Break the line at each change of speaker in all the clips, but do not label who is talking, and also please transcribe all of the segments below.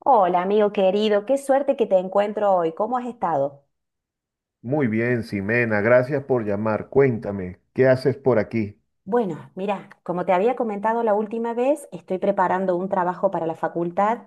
Hola, amigo querido, qué suerte que te encuentro hoy. ¿Cómo has estado?
Muy bien, Ximena, gracias por llamar. Cuéntame, ¿qué haces por aquí?
Bueno, mira, como te había comentado la última vez, estoy preparando un trabajo para la facultad.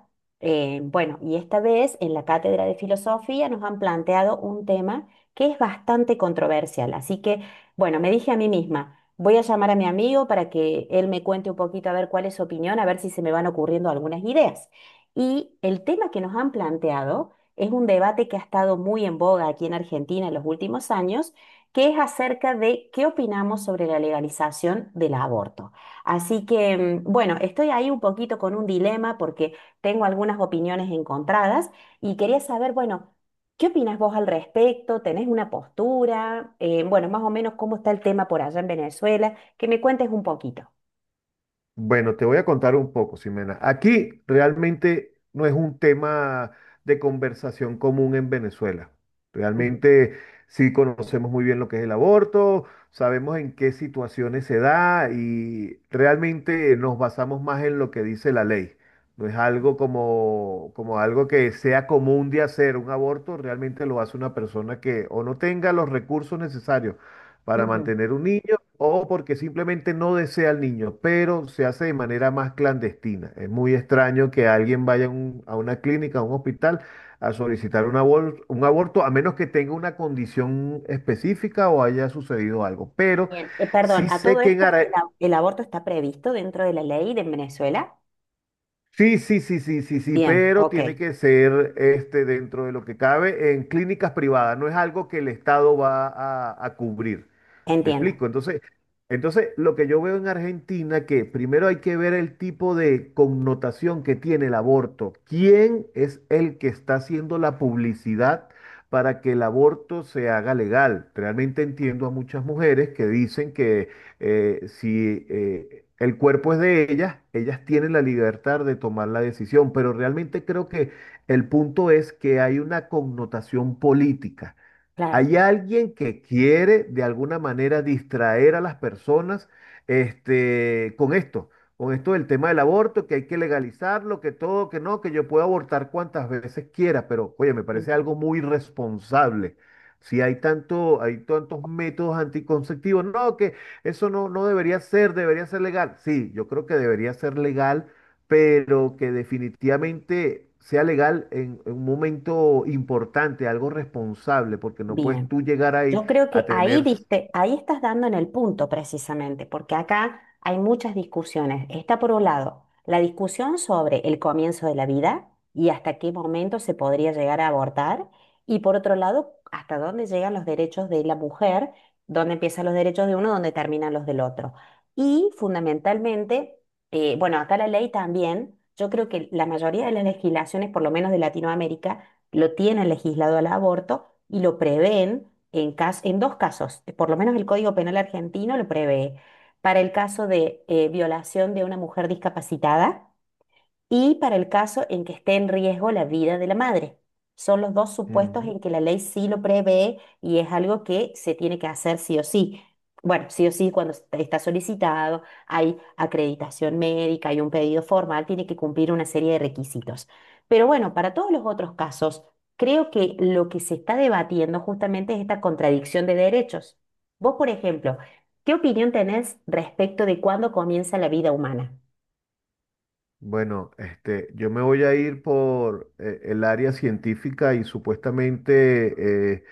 Bueno, y esta vez en la cátedra de filosofía nos han planteado un tema que es bastante controversial. Así que, bueno, me dije a mí misma, voy a llamar a mi amigo para que él me cuente un poquito a ver cuál es su opinión, a ver si se me van ocurriendo algunas ideas. Y el tema que nos han planteado es un debate que ha estado muy en boga aquí en Argentina en los últimos años, que es acerca de qué opinamos sobre la legalización del aborto. Así que, bueno, estoy ahí un poquito con un dilema porque tengo algunas opiniones encontradas y quería saber, bueno, ¿qué opinas vos al respecto? ¿Tenés una postura? Bueno, más o menos cómo está el tema por allá en Venezuela, que me cuentes un poquito.
Bueno, te voy a contar un poco, Ximena. Aquí realmente no es un tema de conversación común en Venezuela.
Ujú,
Realmente sí conocemos muy bien lo que es el aborto, sabemos en qué situaciones se da y realmente nos basamos más en lo que dice la ley. No es algo como algo que sea común de hacer un aborto, realmente lo hace una persona que o no tenga los recursos necesarios para
ujú.
mantener un niño o porque simplemente no desea al niño, pero se hace de manera más clandestina. Es muy extraño que alguien vaya a a una clínica, a un hospital, a solicitar un un aborto, a menos que tenga una condición específica o haya sucedido algo. Pero
Bien. Perdón,
sí
a todo
sé que en
esto, ¿el aborto está previsto dentro de la ley de Venezuela?
Sí, sí, sí, sí, sí, sí,
Bien,
pero
ok,
tiene que ser este, dentro de lo que cabe en clínicas privadas, no es algo que el Estado va a cubrir. ¿Me
entiendo,
explico? Entonces, lo que yo veo en Argentina, que primero hay que ver el tipo de connotación que tiene el aborto. ¿Quién es el que está haciendo la publicidad para que el aborto se haga legal? Realmente entiendo a muchas mujeres que dicen si el cuerpo es de ellas, ellas tienen la libertad de tomar la decisión, pero realmente creo que el punto es que hay una connotación política. Hay
claro,
alguien que quiere de alguna manera distraer a las personas este, con esto del tema del aborto, que hay que legalizarlo, que todo, que no, que yo puedo abortar cuantas veces quiera, pero oye, me parece
entiendo.
algo muy irresponsable. Si hay tanto, hay tantos métodos anticonceptivos, no, que eso no, no debería ser, debería ser legal. Sí, yo creo que debería ser legal, pero que definitivamente sea legal en un momento importante, algo responsable, porque no puedes
Bien.
tú llegar ahí
Yo creo
a
que ahí
tener...
diste, ahí estás dando en el punto precisamente, porque acá hay muchas discusiones. Está por un lado la discusión sobre el comienzo de la vida y hasta qué momento se podría llegar a abortar, y por otro lado, hasta dónde llegan los derechos de la mujer, dónde empiezan los derechos de uno, dónde terminan los del otro. Y fundamentalmente, bueno, acá la ley también, yo creo que la mayoría de las legislaciones, por lo menos de Latinoamérica, lo tienen legislado al aborto y lo prevén en, en dos casos. Por lo menos el Código Penal argentino lo prevé para el caso de violación de una mujer discapacitada, y para el caso en que esté en riesgo la vida de la madre. Son los dos supuestos
Ujú.
en que la ley sí lo prevé y es algo que se tiene que hacer sí o sí. Bueno, sí o sí, cuando está solicitado, hay acreditación médica, hay un pedido formal, tiene que cumplir una serie de requisitos. Pero bueno, para todos los otros casos, creo que lo que se está debatiendo justamente es esta contradicción de derechos. Vos, por ejemplo, ¿qué opinión tenés respecto de cuándo comienza la vida humana?
Bueno, este, yo me voy a ir por el área científica y supuestamente eh,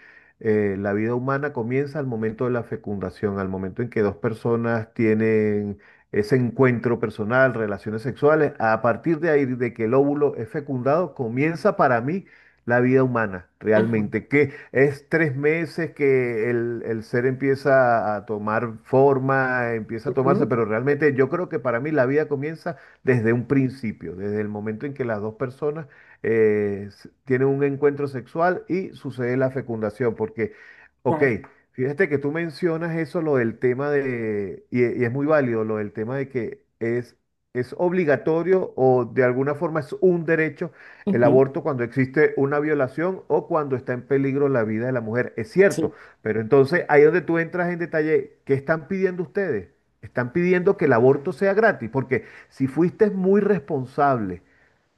eh, la vida humana comienza al momento de la fecundación, al momento en que dos personas tienen ese encuentro personal, relaciones sexuales. A partir de ahí, de que el óvulo es fecundado, comienza para mí la vida humana
Ajá.
realmente, que es tres meses que el ser empieza a tomar forma, empieza a tomarse,
Ujú.
pero realmente yo creo que para mí la vida comienza desde un principio, desde el momento en que las dos personas tienen un encuentro sexual y sucede la fecundación. Porque, ok,
Claro.
fíjate que tú mencionas eso, lo del tema de, y es muy válido, lo del tema de que es obligatorio o de alguna forma es un derecho el
Ujú,
aborto cuando existe una violación o cuando está en peligro la vida de la mujer. Es cierto,
sí,
pero entonces ahí es donde tú entras en detalle. ¿Qué están pidiendo ustedes? Están pidiendo que el aborto sea gratis, porque si fuiste muy responsable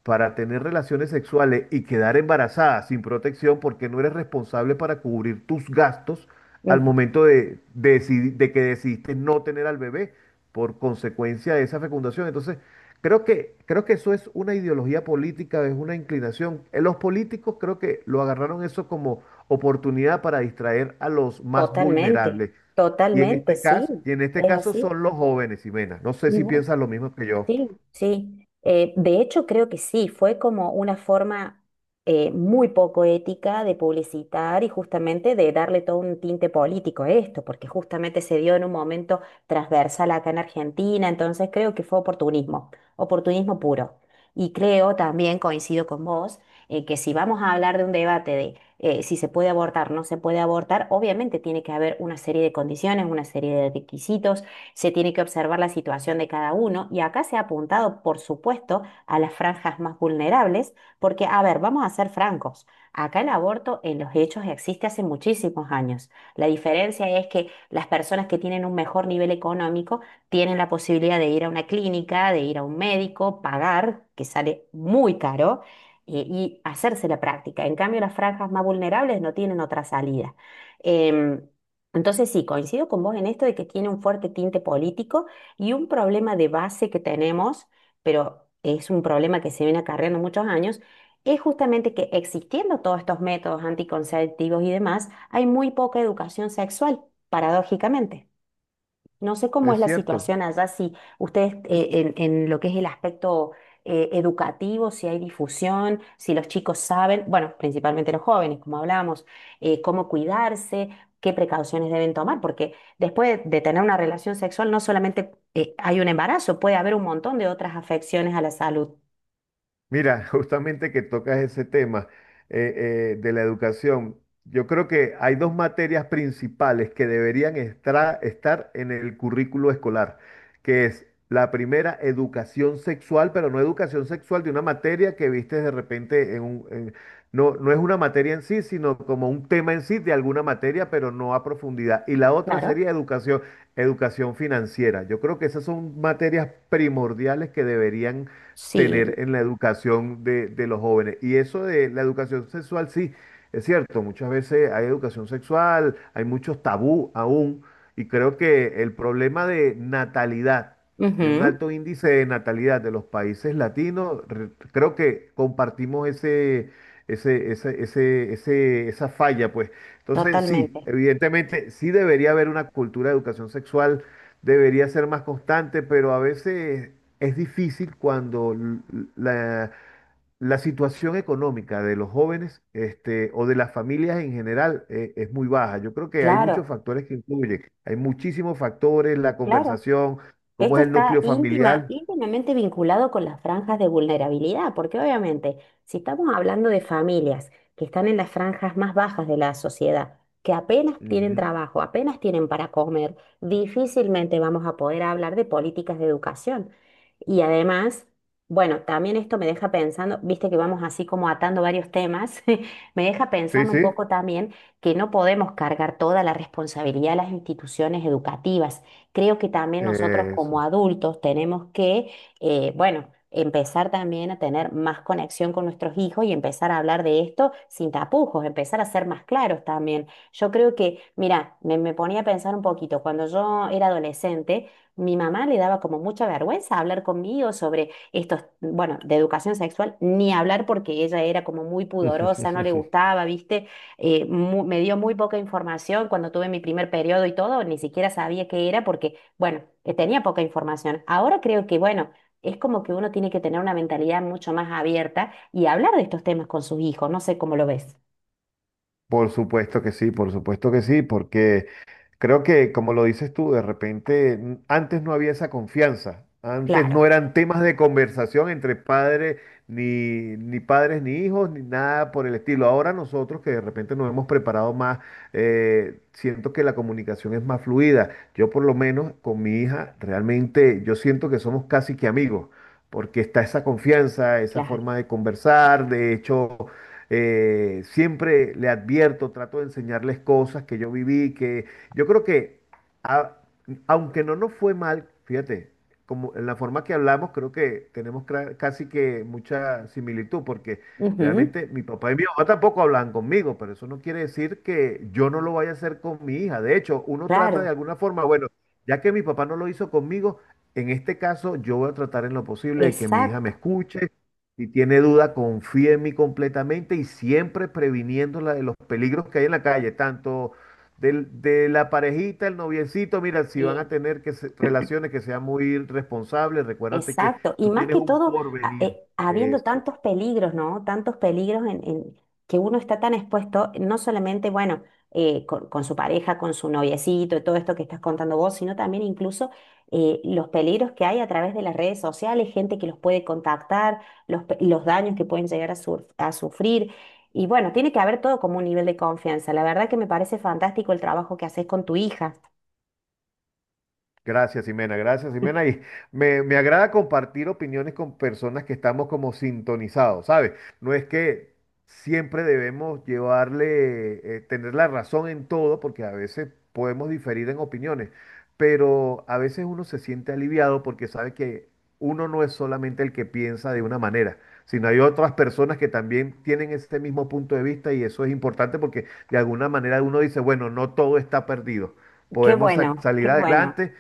para tener relaciones sexuales y quedar embarazada sin protección, porque no eres responsable para cubrir tus gastos al
ujú,
momento de que decidiste no tener al bebé por consecuencia de esa fecundación. Entonces, creo que eso es una ideología política, es una inclinación. Los políticos creo que lo agarraron eso como oportunidad para distraer a los más
totalmente,
vulnerables. Y en
totalmente,
este
sí,
caso, y en este
es
caso
así.
son los jóvenes, Ximena. No sé
¿Y
si
vos?
piensas lo mismo que yo.
Sí, sí. De hecho, creo que sí, fue como una forma muy poco ética de publicitar y justamente de darle todo un tinte político a esto, porque justamente se dio en un momento transversal acá en Argentina, entonces creo que fue oportunismo, oportunismo puro. Y creo también, coincido con vos, que si vamos a hablar de un debate de si se puede abortar, no se puede abortar, obviamente tiene que haber una serie de condiciones, una serie de requisitos, se tiene que observar la situación de cada uno, y acá se ha apuntado, por supuesto, a las franjas más vulnerables, porque, a ver, vamos a ser francos, acá el aborto en los hechos existe hace muchísimos años. La diferencia es que las personas que tienen un mejor nivel económico tienen la posibilidad de ir a una clínica, de ir a un médico, pagar, que sale muy caro, y hacerse la práctica. En cambio, las franjas más vulnerables no tienen otra salida. Em, entonces sí, coincido con vos en esto de que tiene un fuerte tinte político y un problema de base que tenemos, pero es un problema que se viene acarreando muchos años, es justamente que existiendo todos estos métodos anticonceptivos y demás, hay muy poca educación sexual, paradójicamente. No sé cómo es
Es
la
cierto.
situación allá, si ustedes en lo que es el aspecto educativo, si hay difusión, si los chicos saben, bueno, principalmente los jóvenes, como hablábamos, cómo cuidarse, qué precauciones deben tomar, porque después de tener una relación sexual no solamente hay un embarazo, puede haber un montón de otras afecciones a la salud.
Mira, justamente que tocas ese tema de la educación, yo creo que hay dos materias principales que deberían estar en el currículo escolar, que es la primera, educación sexual, pero no educación sexual de una materia que viste de repente no, no es una materia en sí, sino como un tema en sí de alguna materia, pero no a profundidad. Y la otra
Claro.
sería educación financiera. Yo creo que esas son materias primordiales que deberían
Sí,
tener en la educación de los jóvenes. Y eso de la educación sexual, sí, es cierto, muchas veces hay educación sexual, hay muchos tabú aún, y creo que el problema de natalidad, de un
ujú,
alto índice de natalidad de los países latinos, creo que compartimos ese... esa falla, pues. Entonces,
totalmente.
sí, evidentemente, sí debería haber una cultura de educación sexual. Debería ser más constante, pero a veces es difícil cuando la, la situación económica de los jóvenes, este, o de las familias en general, es muy baja. Yo creo que hay
Claro,
muchos factores que influyen. Hay muchísimos factores, la
claro.
conversación, cómo
Esto
es el
está
núcleo
íntima,
familiar.
íntimamente vinculado con las franjas de vulnerabilidad, porque obviamente, si estamos hablando de familias que están en las franjas más bajas de la sociedad, que apenas tienen
Ujú.
trabajo, apenas tienen para comer, difícilmente vamos a poder hablar de políticas de educación. Y además, bueno, también esto me deja pensando, viste que vamos así como atando varios temas, me deja
Sí,
pensando un
sí,
poco también que no podemos cargar toda la responsabilidad a las instituciones educativas. Creo que también nosotros como
eso.
adultos tenemos que, bueno, empezar también a tener más conexión con nuestros hijos y empezar a hablar de esto sin tapujos, empezar a ser más claros también. Yo creo que, mira, me ponía a pensar un poquito, cuando yo era adolescente, mi mamá le daba como mucha vergüenza hablar conmigo sobre estos, bueno, de educación sexual, ni hablar porque ella era como muy pudorosa, no le gustaba, ¿viste? Me dio muy poca información cuando tuve mi primer periodo y todo, ni siquiera sabía qué era porque, bueno, tenía poca información. Ahora creo que, bueno, es como que uno tiene que tener una mentalidad mucho más abierta y hablar de estos temas con sus hijos, no sé cómo lo ves.
Por supuesto que sí, por supuesto que sí, porque creo que, como lo dices tú, de repente antes no había esa confianza. Antes
Claro,
no eran temas de conversación entre padres, ni, ni padres, ni hijos, ni nada por el estilo. Ahora nosotros que de repente nos hemos preparado más, siento que la comunicación es más fluida. Yo por lo menos con mi hija, realmente yo siento que somos casi que amigos, porque está esa confianza, esa
claro.
forma de conversar. De hecho, siempre le advierto, trato de enseñarles cosas que yo viví, que yo creo que, a- aunque no nos fue mal, fíjate, como en la forma que hablamos, creo que tenemos casi que mucha similitud, porque
Ujú,
realmente mi papá y mi mamá tampoco hablan conmigo, pero eso no quiere decir que yo no lo vaya a hacer con mi hija. De hecho, uno trata de
claro,
alguna forma, bueno, ya que mi papá no lo hizo conmigo, en este caso yo voy a tratar en lo posible de que mi hija me
exacto.
escuche. Si tiene duda, confíe en mí completamente y siempre previniéndola de los peligros que hay en la calle, tanto de la parejita, el noviecito, mira, si van a
Sí.
tener que relaciones que sean muy responsables, recuérdate que
Exacto, y
tú
más
tienes
que
un
todo,
porvenir.
habiendo
Eso.
tantos peligros, ¿no? Tantos peligros en que uno está tan expuesto, no solamente, bueno, con su pareja, con su noviecito, y todo esto que estás contando vos, sino también incluso los peligros que hay a través de las redes sociales, gente que los puede contactar, los daños que pueden llegar a, a sufrir. Y bueno, tiene que haber todo como un nivel de confianza. La verdad que me parece fantástico el trabajo que haces con tu hija.
Gracias, Ximena. Gracias, Ximena. Y me agrada compartir opiniones con personas que estamos como sintonizados, ¿sabes? No es que siempre debemos llevarle, tener la razón en todo, porque a veces podemos diferir en opiniones, pero a veces uno se siente aliviado porque sabe que uno no es solamente el que piensa de una manera, sino hay otras personas que también tienen este mismo punto de vista y eso es importante porque de alguna manera uno dice, bueno, no todo está perdido.
Qué
Podemos
bueno, qué
salir
bueno.
adelante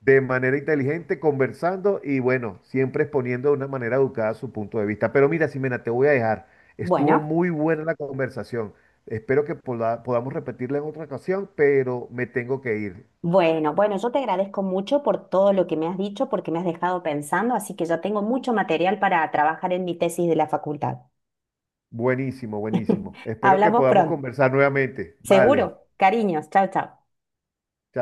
de manera inteligente, conversando y bueno, siempre exponiendo de una manera educada su punto de vista. Pero mira, Ximena, te voy a dejar. Estuvo
Bueno.
muy buena la conversación. Espero que podamos repetirla en otra ocasión, pero me tengo que ir.
Bueno, bueno, yo te agradezco mucho por todo lo que me has dicho, porque me has dejado pensando, así que ya tengo mucho material para trabajar en mi tesis de la facultad.
Buenísimo, buenísimo. Espero que
Hablamos
podamos
pronto.
conversar nuevamente.
Seguro.
Vale. Chao.
Cariños. Chao, chao.